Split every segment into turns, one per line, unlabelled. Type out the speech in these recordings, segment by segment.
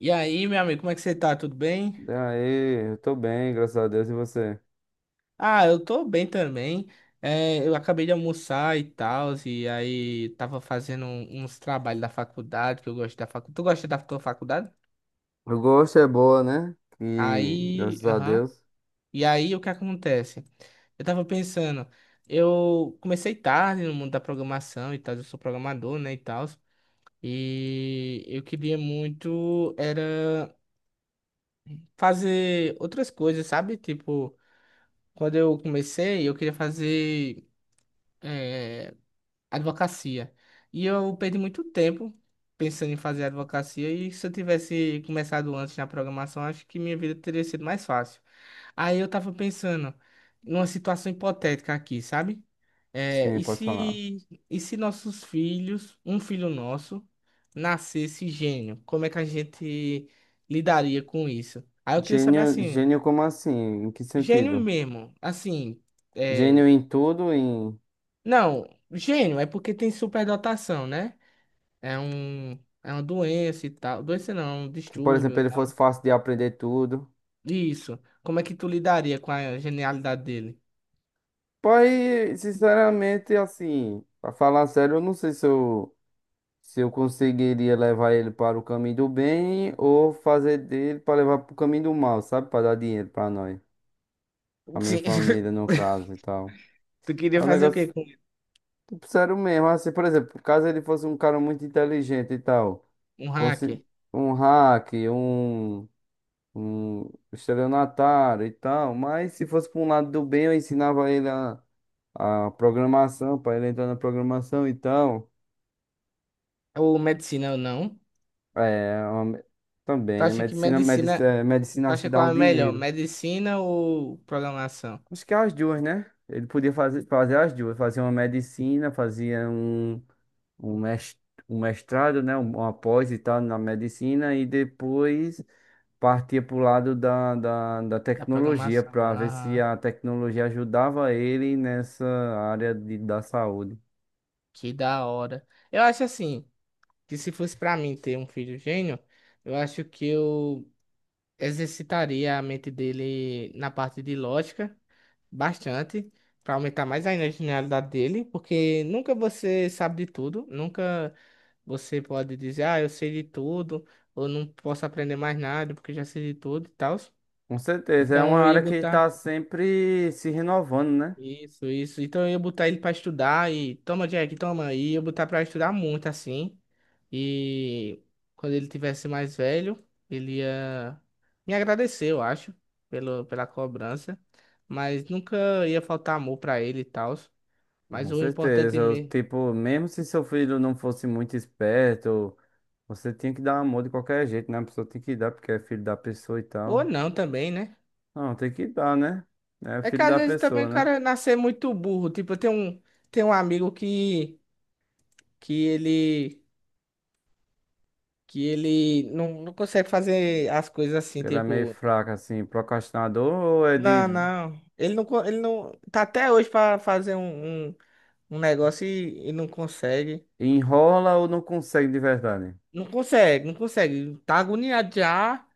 E aí, meu amigo, como é que você tá? Tudo bem?
Daí, eu tô bem, graças a Deus, e você?
Ah, eu tô bem também. É, eu acabei de almoçar e tal, e aí tava fazendo uns trabalhos da faculdade, que eu gosto da faculdade. Tu gosta da tua faculdade?
Eu gosto, é boa, né? E
Aí,
graças a
aham.
Deus.
E aí, o que acontece? Eu tava pensando, eu comecei tarde no mundo da programação e tal, eu sou programador, né, e tal, e eu queria muito era fazer outras coisas, sabe? Tipo, quando eu comecei, eu queria fazer é, advocacia. E eu perdi muito tempo pensando em fazer advocacia. E se eu tivesse começado antes na programação, acho que minha vida teria sido mais fácil. Aí eu tava pensando numa situação hipotética aqui, sabe? É,
Sim,
e
pode falar.
se, e se nossos filhos, um filho nosso, nascesse gênio? Como é que a gente lidaria com isso? Aí eu queria saber
Gênio,
assim,
gênio como assim? Em que
gênio
sentido?
mesmo, assim. é,
Gênio em tudo, em
Não, gênio é porque tem superdotação, né? É um, é uma doença e tal. Doença não, é um
que, por
distúrbio
exemplo,
e
ele
tal.
fosse fácil de aprender tudo.
Isso. Como é que tu lidaria com a genialidade dele?
Pai, sinceramente, assim, pra falar sério, eu não sei se eu conseguiria levar ele para o caminho do bem ou fazer dele para levar para o caminho do mal, sabe? Para dar dinheiro para nós, a minha
Sim.
família, no caso e tal.
Tu queria
É um
fazer o quê
negócio.
com
Sério mesmo, assim, por exemplo, caso ele fosse um cara muito inteligente e tal,
um
consi-
hacker?
um hack, um, um estelionatário e tal, mas se fosse para um lado do bem, eu ensinava ele a, programação, para ele entrar na programação e tal.
Ou medicina ou não?
É,
Tu
também, né?
acha que
Medicina, medicina,
medicina.
eh, medicina
Tu
acho que
acha
dá
qual
um
é melhor?
dinheiro.
Medicina ou programação?
Acho que é as duas, né? Ele podia fazer as duas, fazia uma medicina, fazia um mes- um mestrado, né, uma pós e tal na medicina e depois partia para o lado da
Da
tecnologia
programação.
para ver se
Ah,
a tecnologia ajudava ele nessa área da saúde.
que da hora. Eu acho assim, que se fosse pra mim ter um filho gênio, eu acho que eu exercitaria a mente dele na parte de lógica bastante, para aumentar mais ainda a genialidade dele, porque nunca você sabe de tudo, nunca você pode dizer, ah, eu sei de tudo, ou não posso aprender mais nada porque já sei de tudo e tal.
Com certeza, é uma
Então eu ia
área que
botar
está sempre se renovando, né?
isso, isso. Então eu ia botar ele para estudar e toma, Jack, toma, e ia botar para estudar muito assim. E quando ele tivesse mais velho, ele ia me agradecer, eu acho, pela cobrança. Mas nunca ia faltar amor pra ele e tal. Mas
Com
o importante
certeza, eu,
mesmo.
tipo, mesmo se seu filho não fosse muito esperto, você tinha que dar amor de qualquer jeito, né? A pessoa tem que dar porque é filho da pessoa e
Ou
tal.
não também, né?
Não, tem que dar, né? É
É que
filho
às
da
vezes também
pessoa,
o
né?
cara nascer muito burro. Tipo, tenho um amigo que ele. Que ele não consegue fazer as coisas assim,
Ele é meio
tipo.
fraco, assim, procrastinador, ou é de
Não, não. Ele não. Tá até hoje pra fazer um negócio e não consegue.
enrola ou não consegue de verdade.
Não consegue, não consegue. Tá agoniado já.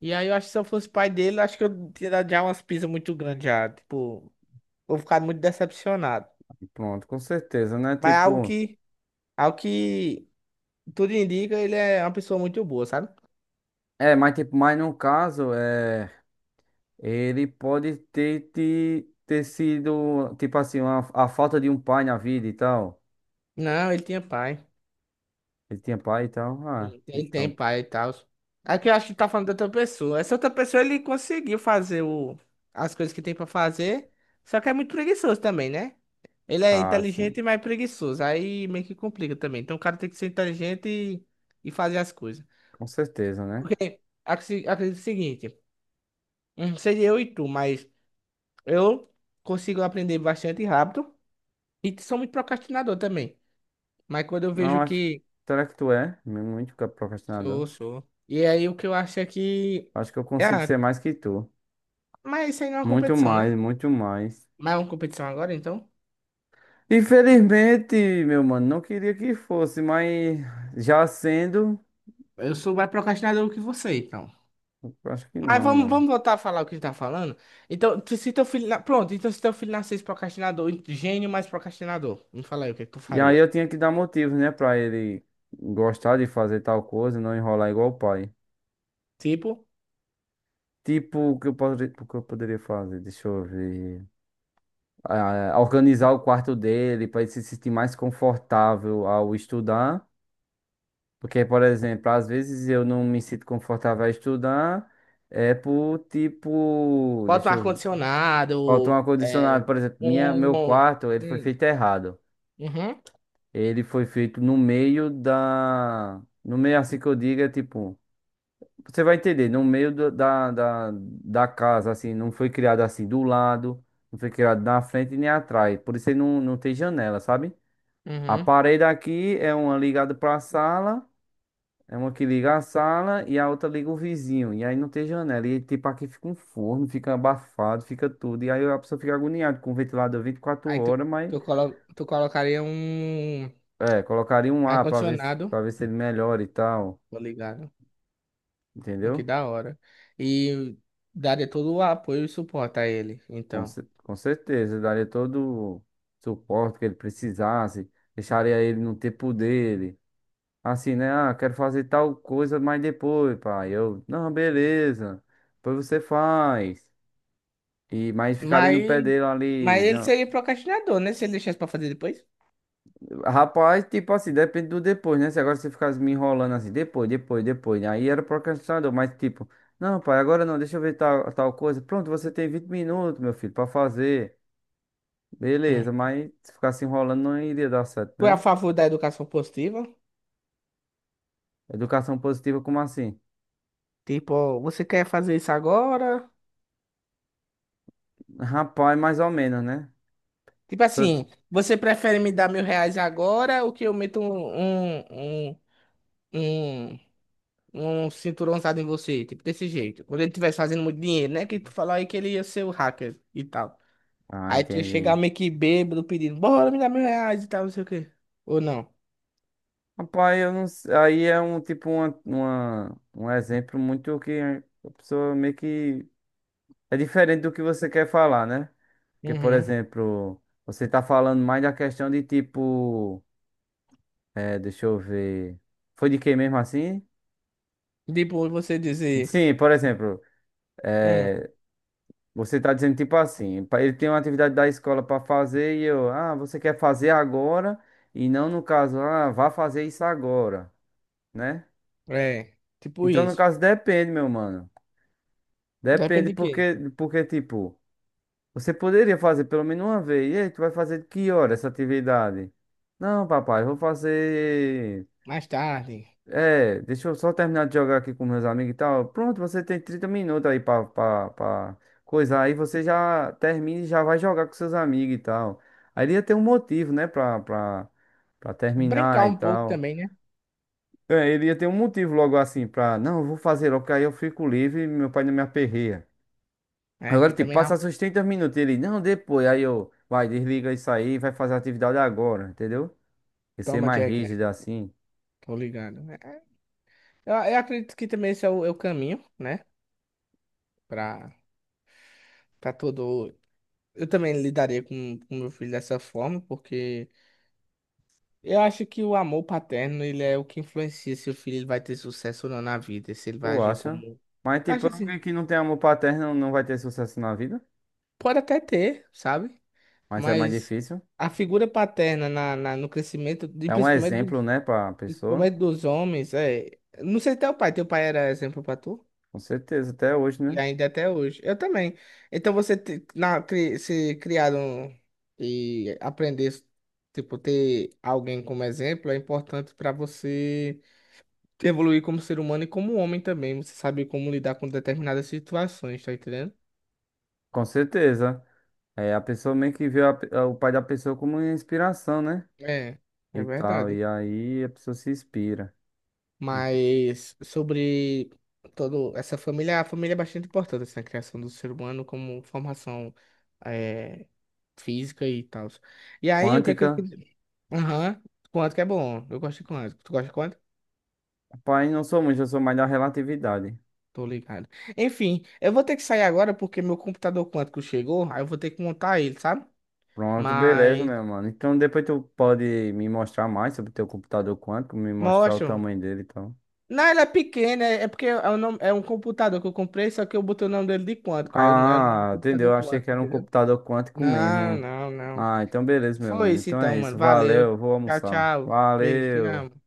E aí eu acho que se eu fosse pai dele, acho que eu teria dado já umas pisas muito grandes já. Tipo, vou ficar muito decepcionado.
E pronto, com certeza, né?
Mas é algo
Tipo,
que, algo que tudo indica, ele é uma pessoa muito boa, sabe?
é, mas tipo, mas no caso, é, ele pode ter, sido, tipo assim, a falta de um pai na vida e tal.
Não, ele tinha pai.
Ele tinha pai e tal. Ah,
Ele tem
então,
pai e tal. É que eu acho que tá falando de outra pessoa. Essa outra pessoa, ele conseguiu fazer as coisas que tem pra fazer. Só que é muito preguiçoso também, né? Ele é
ah, sim,
inteligente, mas preguiçoso. Aí meio que complica também. Então o cara tem que ser inteligente e fazer as coisas.
com certeza, né?
Acredito o seguinte, seria eu e tu, mas eu consigo aprender bastante rápido e sou muito procrastinador também. Mas quando eu
Não,
vejo
acho,
que
será que tu é muito procrastinador?
sou, sou. E aí o que eu acho é que
Acho que eu consigo
ah,
ser mais que tu.
mas isso aí não é uma
Muito
competição,
mais,
né?
muito mais.
Mas é uma competição agora, então.
Infelizmente, meu mano, não queria que fosse, mas já sendo,
Eu sou mais procrastinador que você, então.
eu acho que
Mas
não,
vamos,
mano.
vamos voltar a falar o que a gente tá falando. Então, tu- se teu filho. Na- Pronto, então se teu filho nascesse procrastinador, gênio mais procrastinador. Me fala aí o que é que tu
E aí
faria.
eu tinha que dar motivos, né, pra ele gostar de fazer tal coisa e não enrolar igual o pai.
Tipo,
Tipo, o que eu poderia fazer? Deixa eu ver. Ah, organizar o quarto dele pra ele se sentir mais confortável ao estudar. Porque, por exemplo, às vezes eu não me sinto confortável a estudar. É por tipo.
bota um
Deixa eu ver. Falta um
ar-condicionado.
ar-condicionado,
É,
por exemplo, meu
um.
quarto, ele foi
Hum,
feito errado.
Uhum,
Ele foi feito no meio da. No meio, assim que eu diga, tipo. Você vai entender, no meio da casa, assim. Não foi criado assim do lado, não foi criado na frente nem atrás. Por isso ele não tem janela, sabe? A
uhum.
parede aqui é uma ligada pra sala, é uma que liga a sala e a outra liga o vizinho. E aí não tem janela. E tipo, aqui fica um forno, fica abafado, fica tudo. E aí a pessoa fica agoniada com o ventilador 24
Aí
horas, mas
tu, colo, tu colocaria um
É, colocaria um A pra ver,
ar-condicionado,
pra ver se ele melhora e tal.
tô ligado? O que
Entendeu?
da hora. E daria todo o apoio e suporte a ele,
Com,
então.
cer- com certeza. Daria todo o suporte que ele precisasse. Deixaria ele no tempo dele. Assim, né? Ah, quero fazer tal coisa, mas depois, pai. Não, beleza. Depois você faz. Mas ficaria
Mas,
no pé dele
mas
ali.
ele seria procrastinador, né? Se ele deixasse pra fazer depois.
Rapaz, tipo assim, depende do depois, né? Se agora você ficasse me enrolando assim, depois, depois, depois, né? Aí era procrastinador, mas tipo, não, pai, agora não, deixa eu ver tal, tal coisa. Pronto, você tem 20 minutos, meu filho, pra fazer. Beleza, mas se ficasse enrolando não iria dar certo,
Tu é a
né?
favor da educação positiva?
Educação positiva, como assim?
Tipo, ó, você quer fazer isso agora?
Rapaz, mais ou menos, né?
Tipo
Só-
assim, você prefere me dar R$ 1.000 agora ou que eu meto um, um cinturãozado em você? Tipo, desse jeito. Quando ele estivesse fazendo muito dinheiro, né? Que tu falou aí que ele ia ser o hacker e tal.
Ah,
Aí tu ia chegar
entendi.
meio que bêbado pedindo, bora me dar R$ 1.000 e tal, não sei o quê. Ou não.
Rapaz, eu não sei. Aí é um tipo um exemplo muito que a pessoa meio que é diferente do que você quer falar, né? Porque, por
Uhum.
exemplo, você tá falando mais da questão de tipo. É, deixa eu ver. Foi de quem mesmo assim?
Tipo, você dizer,
Sim, por exemplo,
hum,
é, você tá dizendo tipo assim, ele tem uma atividade da escola para fazer e você quer fazer agora e não no caso, ah, vá fazer isso agora, né?
é, tipo
Então, no
isso.
caso, depende, meu mano. Depende
Depende de quê?
porque tipo, você poderia fazer pelo menos uma vez. E aí, tu vai fazer de que hora essa atividade? Não, papai, eu vou fazer.
Mais tarde.
É, deixa eu só terminar de jogar aqui com meus amigos e tal. Pronto, você tem 30 minutos aí pra coisar. Aí você já termina e já vai jogar com seus amigos e tal. Aí ele ia ter um motivo, né, pra, pra
Brincar
terminar e
um pouco
tal.
também, né?
É, ele ia ter um motivo logo assim pra, não, eu vou fazer logo, porque aí eu fico livre e meu pai não me aperreia.
É,
Agora,
aqui
tipo,
também, ó.
passa seus 30 minutos. E ele, não, depois. Aí vai, desliga isso aí, e vai fazer a atividade agora, entendeu? E ser
Toma,
mais
Jack, né?
rígido assim.
Tô ligado. É, eu acredito que também esse é o caminho, né? Pra, pra todo. Eu também lidaria com o meu filho dessa forma, porque eu acho que o amor paterno, ele é o que influencia se o filho ele vai ter sucesso ou não na vida, se ele vai
Tu
agir
acha?
como.
Mas, tipo,
Acho assim,
alguém que não tem amor paterno não vai ter sucesso na vida.
pode até ter, sabe?
Mas é mais
Mas
difícil.
a figura paterna no crescimento, de,
É um
principalmente,
exemplo, né, pra pessoa.
principalmente dos homens, é. Não sei até o pai, teu pai era exemplo pra tu?
Com certeza, até hoje, né?
E ainda é até hoje. Eu também. Então você se criaram e aprender, tipo, ter alguém como exemplo é importante para você evoluir como ser humano e como homem também. Você sabe como lidar com determinadas situações, tá entendendo?
Com certeza. É, a pessoa meio que vê o pai da pessoa como uma inspiração, né?
É, é
E tal. E
verdade.
aí a pessoa se inspira.
Mas sobre toda essa família, a família é bastante importante assim, na criação do ser humano como formação eh, física e tal. E aí, o que é que eu
Quântica.
queria? Aham, quanto que é bom. Eu gosto de quanto. Tu gosta de quanto?
Pai, não sou muito, eu sou mais da relatividade.
Tô ligado. Enfim, eu vou ter que sair agora porque meu computador quântico chegou, aí eu vou ter que montar ele, sabe?
Pronto, beleza,
Mas
meu mano. Então depois tu pode me mostrar mais sobre teu computador quântico, me mostrar o
mostra
tamanho dele, então.
Não, ele é pequeno, é porque é um computador que eu comprei, só que eu botei o nome dele de quântico, é um
Ah, entendeu? Eu
computador
achei que
quântico,
era um
entendeu?
computador quântico
Não,
mesmo.
não, não.
Ah, então beleza, meu
Foi
mano.
isso
Então
então,
é
mano.
isso.
Valeu.
Valeu, vou
Tchau,
almoçar.
tchau. Beijo, te
Valeu.
amo.